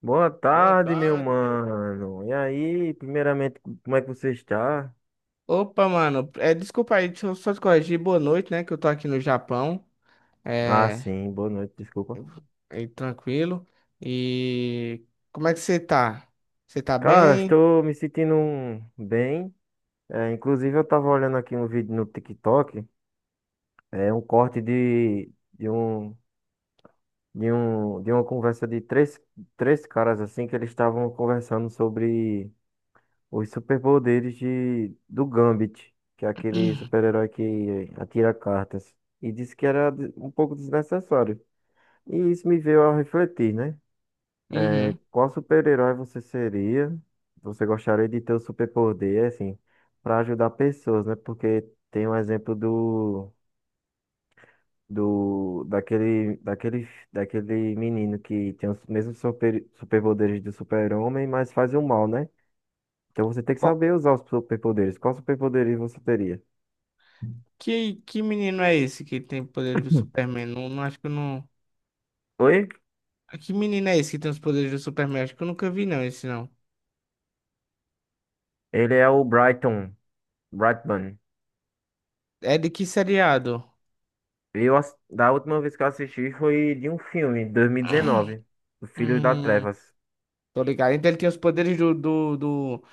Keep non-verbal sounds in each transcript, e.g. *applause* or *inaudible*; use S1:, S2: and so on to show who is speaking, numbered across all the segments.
S1: Boa
S2: Boa
S1: tarde, meu
S2: tarde, meu.
S1: mano. E aí, primeiramente, como é que você está?
S2: Opa, mano, desculpa aí, deixa eu só te corrigir. Boa noite, né? Que eu tô aqui no Japão.
S1: Ah,
S2: É,
S1: sim, boa noite, desculpa.
S2: é tranquilo. E como é que você tá? Você tá
S1: Cara,
S2: bem?
S1: estou me sentindo bem. É, inclusive, eu tava olhando aqui um vídeo no TikTok, é um corte de uma conversa de três caras assim que eles estavam conversando sobre os superpoderes de do Gambit, que é aquele super-herói que atira cartas. E disse que era um pouco desnecessário. E isso me veio a refletir, né?
S2: Uhum.
S1: Qual super-herói você seria? Você gostaria de ter o superpoder, assim, para ajudar pessoas, né? Porque tem um exemplo daquele menino que tem os mesmos superpoderes do super-homem, mas faz o mal, né? Então você tem que
S2: Qual-
S1: saber usar os superpoderes. Qual superpoderes você teria?
S2: que menino é esse que tem poder do Superman? Não, acho que eu não.
S1: Oi?
S2: Ah, que menino é esse que tem os poderes do Superman? Acho que eu nunca vi, não, esse não.
S1: Ele é o Brighton. Brightman.
S2: É de que seriado?
S1: Da última vez que eu assisti foi de um filme, 2019, do Filhos da
S2: Hum,
S1: Trevas,
S2: tô ligado. Então ele tem os poderes do, do, do,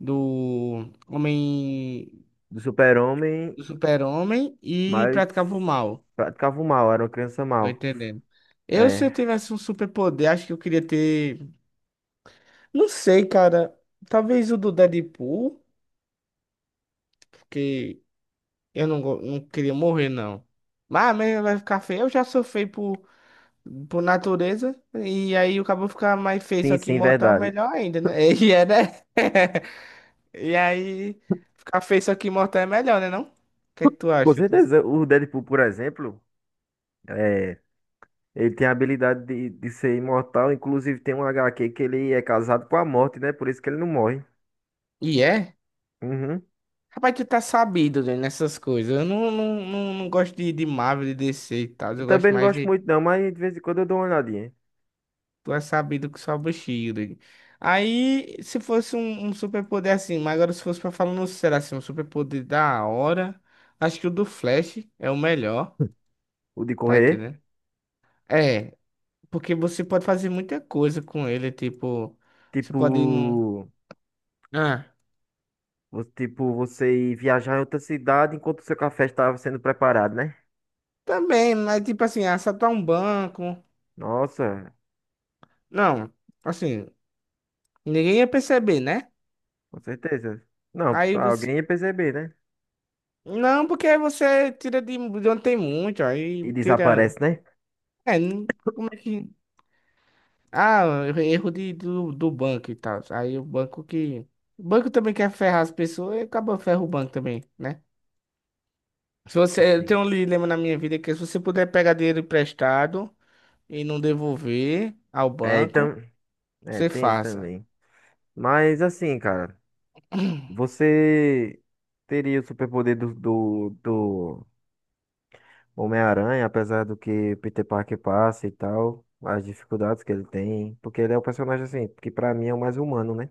S2: do Homem.
S1: do Super-Homem,
S2: Do super-homem e
S1: mas
S2: praticava o mal.
S1: praticava o mal, era uma criança
S2: Tô
S1: mal.
S2: entendendo. Eu, se eu
S1: É,
S2: tivesse um superpoder, acho que eu queria ter. Não sei, cara. Talvez o do Deadpool, porque eu não, não queria morrer, não. Mas mesmo vai ficar feio. Eu já sou feio por natureza. E aí o cabo ficar mais feio,
S1: sim,
S2: só que
S1: sim,
S2: imortal,
S1: verdade.
S2: melhor ainda, né? *laughs* E é, né? *laughs* E aí, ficar feio, só que imortal é melhor, né? Não? O que é que tu
S1: Com
S2: acha?
S1: certeza, o Deadpool, por exemplo, é, ele tem a habilidade de ser imortal, inclusive tem um HQ que ele é casado com a morte, né? Por isso que ele não morre.
S2: E é?
S1: Uhum.
S2: Rapaz, tu tá sabido, velho, nessas coisas. Eu não gosto de Marvel, de DC e tal.
S1: Eu
S2: Eu gosto
S1: também não
S2: mais
S1: gosto
S2: de.
S1: muito não, mas de vez em quando eu dou uma olhadinha.
S2: Tu é sabido que sobra o Shield. Aí, se fosse um superpoder assim, mas agora se fosse pra falar no sério assim, um superpoder da hora, acho que o do Flash é o melhor,
S1: O de
S2: tá
S1: correr,
S2: entendendo? É, porque você pode fazer muita coisa com ele, tipo, você pode ir num.
S1: tipo.
S2: Ah,
S1: Tipo, você ir viajar em outra cidade enquanto o seu café estava sendo preparado, né?
S2: também, mas tipo assim, assaltar um banco.
S1: Nossa,
S2: Não, assim, ninguém ia perceber, né?
S1: com certeza. Não,
S2: Aí
S1: tá,
S2: você
S1: alguém ia perceber, né?
S2: não, porque aí você tira de onde tem muito, aí
S1: E
S2: tira.
S1: desaparece, né?
S2: É, como é que. Ah, erro do banco e tal. Aí o banco que. O banco também quer ferrar as pessoas e acaba ferra o banco também, né? Se você, eu
S1: Sim.
S2: tenho um dilema na minha vida que se você puder pegar dinheiro emprestado e não devolver ao
S1: É,
S2: banco,
S1: então,
S2: você
S1: tem isso
S2: faça.
S1: também. Mas assim, cara, você teria o superpoder do Homem-Aranha, apesar do que Peter Parker passa e tal, as dificuldades que ele tem, porque ele é um personagem assim, que pra mim é o mais humano, né?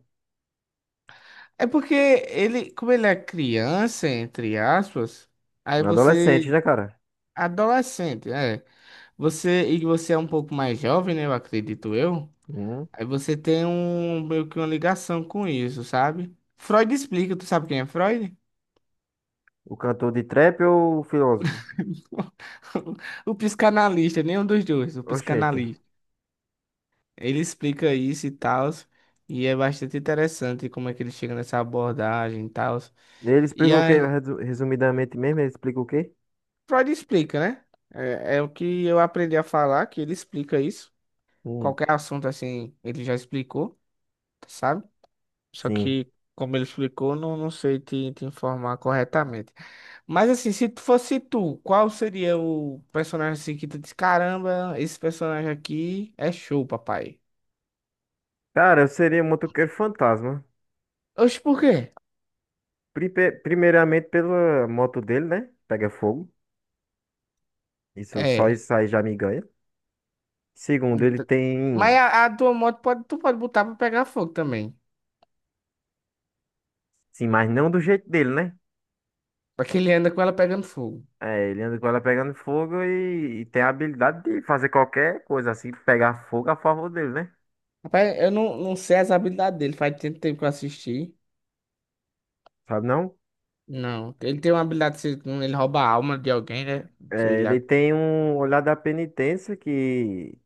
S2: É porque ele, como ele é criança, entre aspas, aí
S1: Um adolescente,
S2: você.
S1: né, cara?
S2: Adolescente, é. Você, e você é um pouco mais jovem, né? Eu acredito eu.
S1: Hum.
S2: Aí você tem um, meio que uma ligação com isso, sabe? Freud explica, tu sabe quem é Freud?
S1: O cantor de trap ou o filósofo?
S2: *laughs* O psicanalista, nenhum dos dois, o
S1: Oxente.
S2: psicanalista. Ele explica isso e tal, e é bastante interessante como é que ele chega nessa abordagem e tal.
S1: Ele
S2: E
S1: explica o quê?
S2: aí,
S1: Resumidamente mesmo, ele explica o quê?
S2: Freud explica, né? É o que eu aprendi a falar, que ele explica isso.
S1: Hum,
S2: Qualquer assunto assim, ele já explicou, sabe? Só
S1: sim.
S2: que, como ele explicou, não, não sei te informar corretamente. Mas assim, se tu fosse tu, qual seria o personagem assim que tu diz, caramba, esse personagem aqui é show, papai.
S1: Cara, eu seria um motoqueiro fantasma.
S2: Oxe, por quê?
S1: Primeiramente pela moto dele, né? Pega fogo. Isso, só
S2: É.
S1: isso aí já me ganha. Segundo, ele
S2: d- Mas
S1: tem.
S2: a tua moto pode, tu pode botar pra pegar fogo também.
S1: Sim, mas não do jeito dele, né?
S2: Pra que ele anda com ela pegando fogo.
S1: É, ele anda com ela pegando fogo e tem a habilidade de fazer qualquer coisa assim, pegar fogo a favor dele, né?
S2: Rapaz, eu não sei as habilidades dele, faz tanto tempo que eu assisti.
S1: Sabe não?
S2: Não, ele tem uma habilidade, se ele rouba a alma de alguém, né? Sei
S1: É, ele
S2: lá.
S1: tem um olhar da penitência que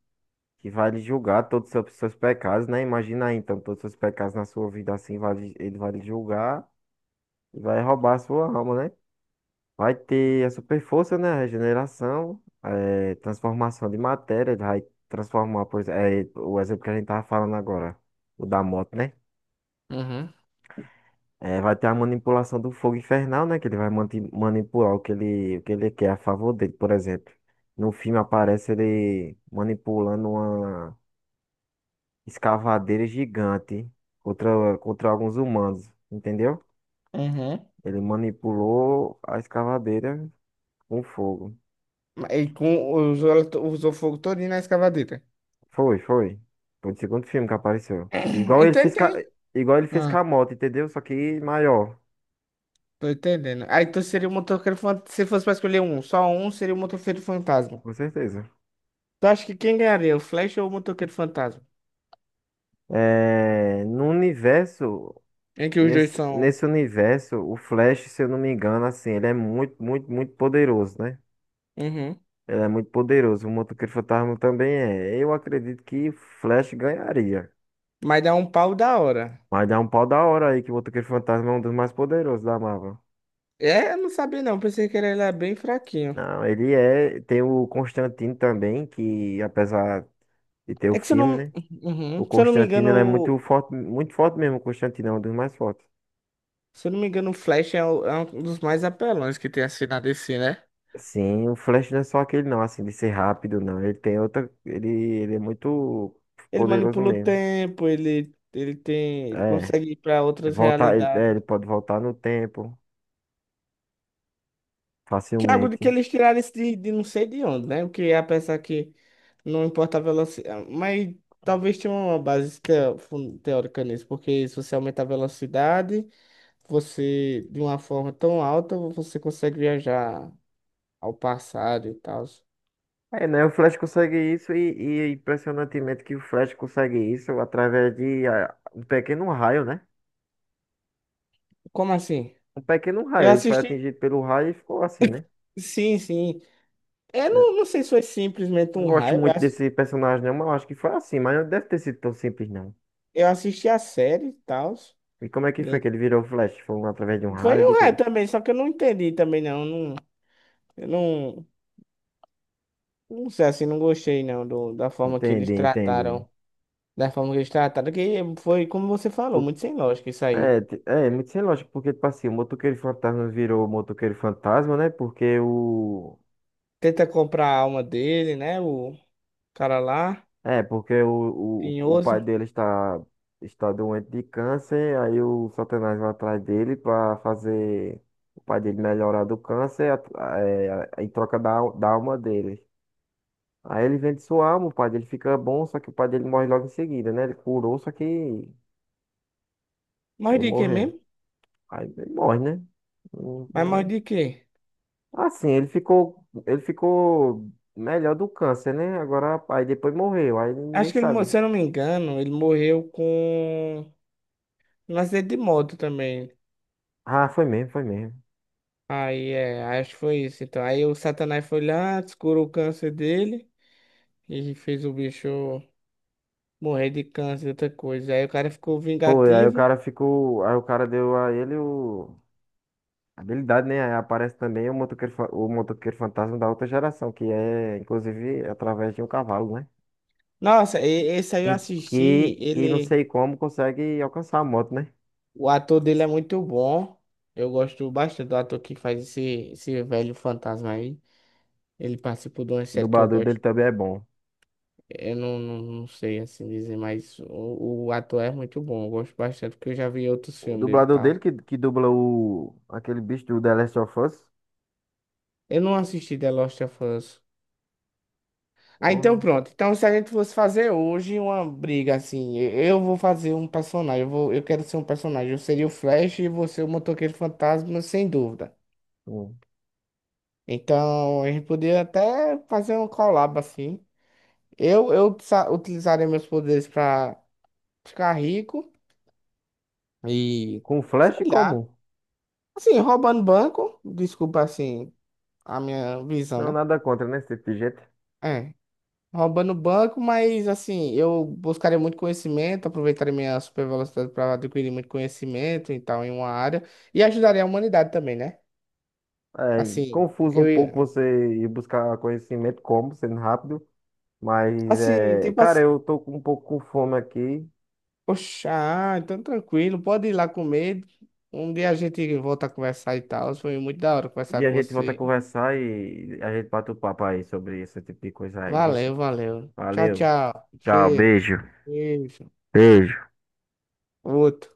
S1: que vai lhe julgar todos os seus pecados, né? Imagina aí, então, todos os seus pecados na sua vida assim, ele vai lhe julgar e vai roubar a sua alma, né? Vai ter a super força, né? A regeneração, transformação de matéria, ele vai transformar, por exemplo, o exemplo que a gente tava falando agora, o da moto, né?
S2: Uhum.
S1: Vai ter a manipulação do fogo infernal, né? Que ele vai manipular o que ele quer a favor dele, por exemplo. No filme aparece ele manipulando uma escavadeira gigante contra alguns humanos, entendeu?
S2: Uhum.
S1: Ele manipulou a escavadeira com fogo.
S2: E com, usou, usou fogo todinho na escavadeira.
S1: Foi, foi. Foi o segundo filme que apareceu.
S2: *clears throat*
S1: Igual ele fez,
S2: Entendi.
S1: igual ele fez com
S2: Ah,
S1: a moto, entendeu? Só que maior,
S2: tô entendendo. Aí tu seria o motoqueiro fantasma. Se fosse pra escolher um, só um seria o motoqueiro fantasma.
S1: com certeza.
S2: Tu acha que quem ganharia, o Flash ou o motoqueiro fantasma?
S1: É, no universo,
S2: Em que os dois
S1: nesse,
S2: são.
S1: nesse universo, o Flash, se eu não me engano, assim, ele é muito, muito, muito poderoso, né?
S2: Uhum.
S1: Ele é muito poderoso. O Motoqueiro Fantasma também é. Eu acredito que o Flash ganharia.
S2: Mas dá um pau da hora.
S1: Vai dar um pau da hora aí que o Motoqueiro Fantasma é um dos mais poderosos da Marvel.
S2: É, eu não sabia não. Pensei que ele era bem fraquinho.
S1: Não, ele é. Tem o Constantine também, que apesar de ter o
S2: É que se eu
S1: filme,
S2: não.
S1: né?
S2: Uhum.
S1: O
S2: Se eu não me
S1: Constantine
S2: engano.
S1: ele é muito forte mesmo. O Constantine é um dos mais fortes.
S2: Se eu não me engano, o Flash é, é um dos mais apelões que tem assim na DC, né?
S1: Sim, o Flash não é só aquele não, assim, de ser rápido, não. Ele tem outra. Ele é muito
S2: Ele
S1: poderoso
S2: manipula o
S1: mesmo.
S2: tempo, ele tem, ele
S1: É.
S2: consegue ir para outras
S1: Voltar, ele,
S2: realidades.
S1: é, ele pode voltar no tempo
S2: Que é algo de que
S1: facilmente.
S2: eles tiraram isso de não sei de onde, né? O que é pensar que não importa a velocidade, mas talvez tenha uma base teórica nisso, porque se você aumentar a velocidade, você de uma forma tão alta, você consegue viajar ao passado e tal.
S1: É, né? O Flash consegue isso e é impressionantemente que o Flash consegue isso através de um pequeno raio, né?
S2: Como assim?
S1: Um pequeno
S2: Eu
S1: raio. Ele foi
S2: assisti,
S1: atingido pelo raio e ficou assim, né?
S2: sim, sim. Eu
S1: É,
S2: não, não sei se foi simplesmente
S1: não
S2: um
S1: gosto
S2: raio.
S1: muito desse personagem, não, mas eu acho que foi assim. Mas não deve ter sido tão simples, não.
S2: Eu assisti a série e tal.
S1: E como é que foi que ele virou Flash? Foi através de um
S2: Foi
S1: raio de
S2: um
S1: quê?
S2: ré também, só que eu não entendi também, não. Não, eu não, não sei assim, não gostei, não, do, da forma que eles
S1: Entendi, entendi.
S2: trataram. Da forma que eles trataram, que foi, como você falou,
S1: Por-
S2: muito sem lógica isso aí.
S1: é muito sem lógica, porque, tipo assim, o motoqueiro fantasma virou motoqueiro fantasma, né? Porque o.
S2: Tenta comprar a alma dele, né? O cara lá,
S1: É, porque o pai
S2: tinhoso.
S1: dele está doente de câncer, aí o Satanás vai atrás dele para fazer o pai dele melhorar do câncer em troca da alma dele. Aí ele vende sua alma, o pai dele fica bom, só que o pai dele morre logo em seguida, né? Ele curou, só que ele
S2: Mas de quê
S1: morreu.
S2: mesmo?
S1: Aí ele morre, né?
S2: Mas mais
S1: Não-
S2: de quê?
S1: Assim, ele ficou melhor do câncer, né? Agora, aí depois morreu, aí ninguém
S2: Acho que ele,
S1: sabe.
S2: se eu não me engano, ele morreu com um acidente de moto também.
S1: Ah, foi mesmo, foi mesmo.
S2: Aí é, acho que foi isso. Então, aí o Satanás foi lá, descurou o câncer dele e fez o bicho. Morrer de câncer, outra coisa. Aí o cara ficou
S1: Foi, aí o
S2: vingativo.
S1: cara ficou. Aí o cara deu a ele o. a habilidade, né? Aí aparece também o motoqueiro fantasma da outra geração, que é, inclusive, através de um cavalo, né?
S2: Nossa, esse aí eu
S1: Em-
S2: assisti,
S1: que não
S2: ele,
S1: sei como consegue alcançar a moto, né?
S2: o ator dele é muito bom. Eu gosto bastante do ator que faz esse velho fantasma aí. Ele participou de uma
S1: O
S2: série que eu
S1: dublador dele
S2: gosto.
S1: também é bom.
S2: Eu não sei assim dizer, mas o ator é muito bom. Eu gosto bastante, porque eu já vi outros
S1: O
S2: filmes dele e
S1: dublador dele
S2: tal.
S1: que dubla aquele bicho do The Last of Us.
S2: Eu não assisti The Last of Us. Ah, então
S1: Porra.
S2: pronto. Então, se a gente fosse fazer hoje uma briga assim, eu vou fazer um personagem, eu vou, eu quero ser um personagem. Eu seria o Flash e você o motoqueiro fantasma, sem dúvida.
S1: Com
S2: Então, a gente poderia até fazer um collab assim. Eu utilizaria meus poderes pra ficar rico e,
S1: com um flash
S2: sei lá,
S1: comum.
S2: assim, roubando banco. Desculpa, assim, a minha visão,
S1: Não,
S2: né?
S1: nada contra, né? Esse tipo de gente.
S2: É. Roubando banco, mas assim, eu buscaria muito conhecimento, aproveitaria minha super velocidade para adquirir muito conhecimento e tal em uma área e ajudaria a humanidade também, né?
S1: É
S2: Assim,
S1: confuso um
S2: eu
S1: pouco
S2: ia
S1: você ir buscar conhecimento como, sendo rápido. Mas,
S2: assim, tipo
S1: cara,
S2: assim,
S1: eu tô com um pouco com fome aqui.
S2: poxa, ah, então tranquilo, pode ir lá comer. Um dia a gente volta a conversar e tal. Foi muito da hora conversar
S1: E a
S2: com
S1: gente volta a
S2: você.
S1: conversar e a gente bate o papo aí sobre esse tipo de coisa aí, viu?
S2: Valeu, valeu. Tchau,
S1: Valeu.
S2: tchau.
S1: Tchau,
S2: Cheiro.
S1: beijo.
S2: Beijo.
S1: Beijo.
S2: Outro.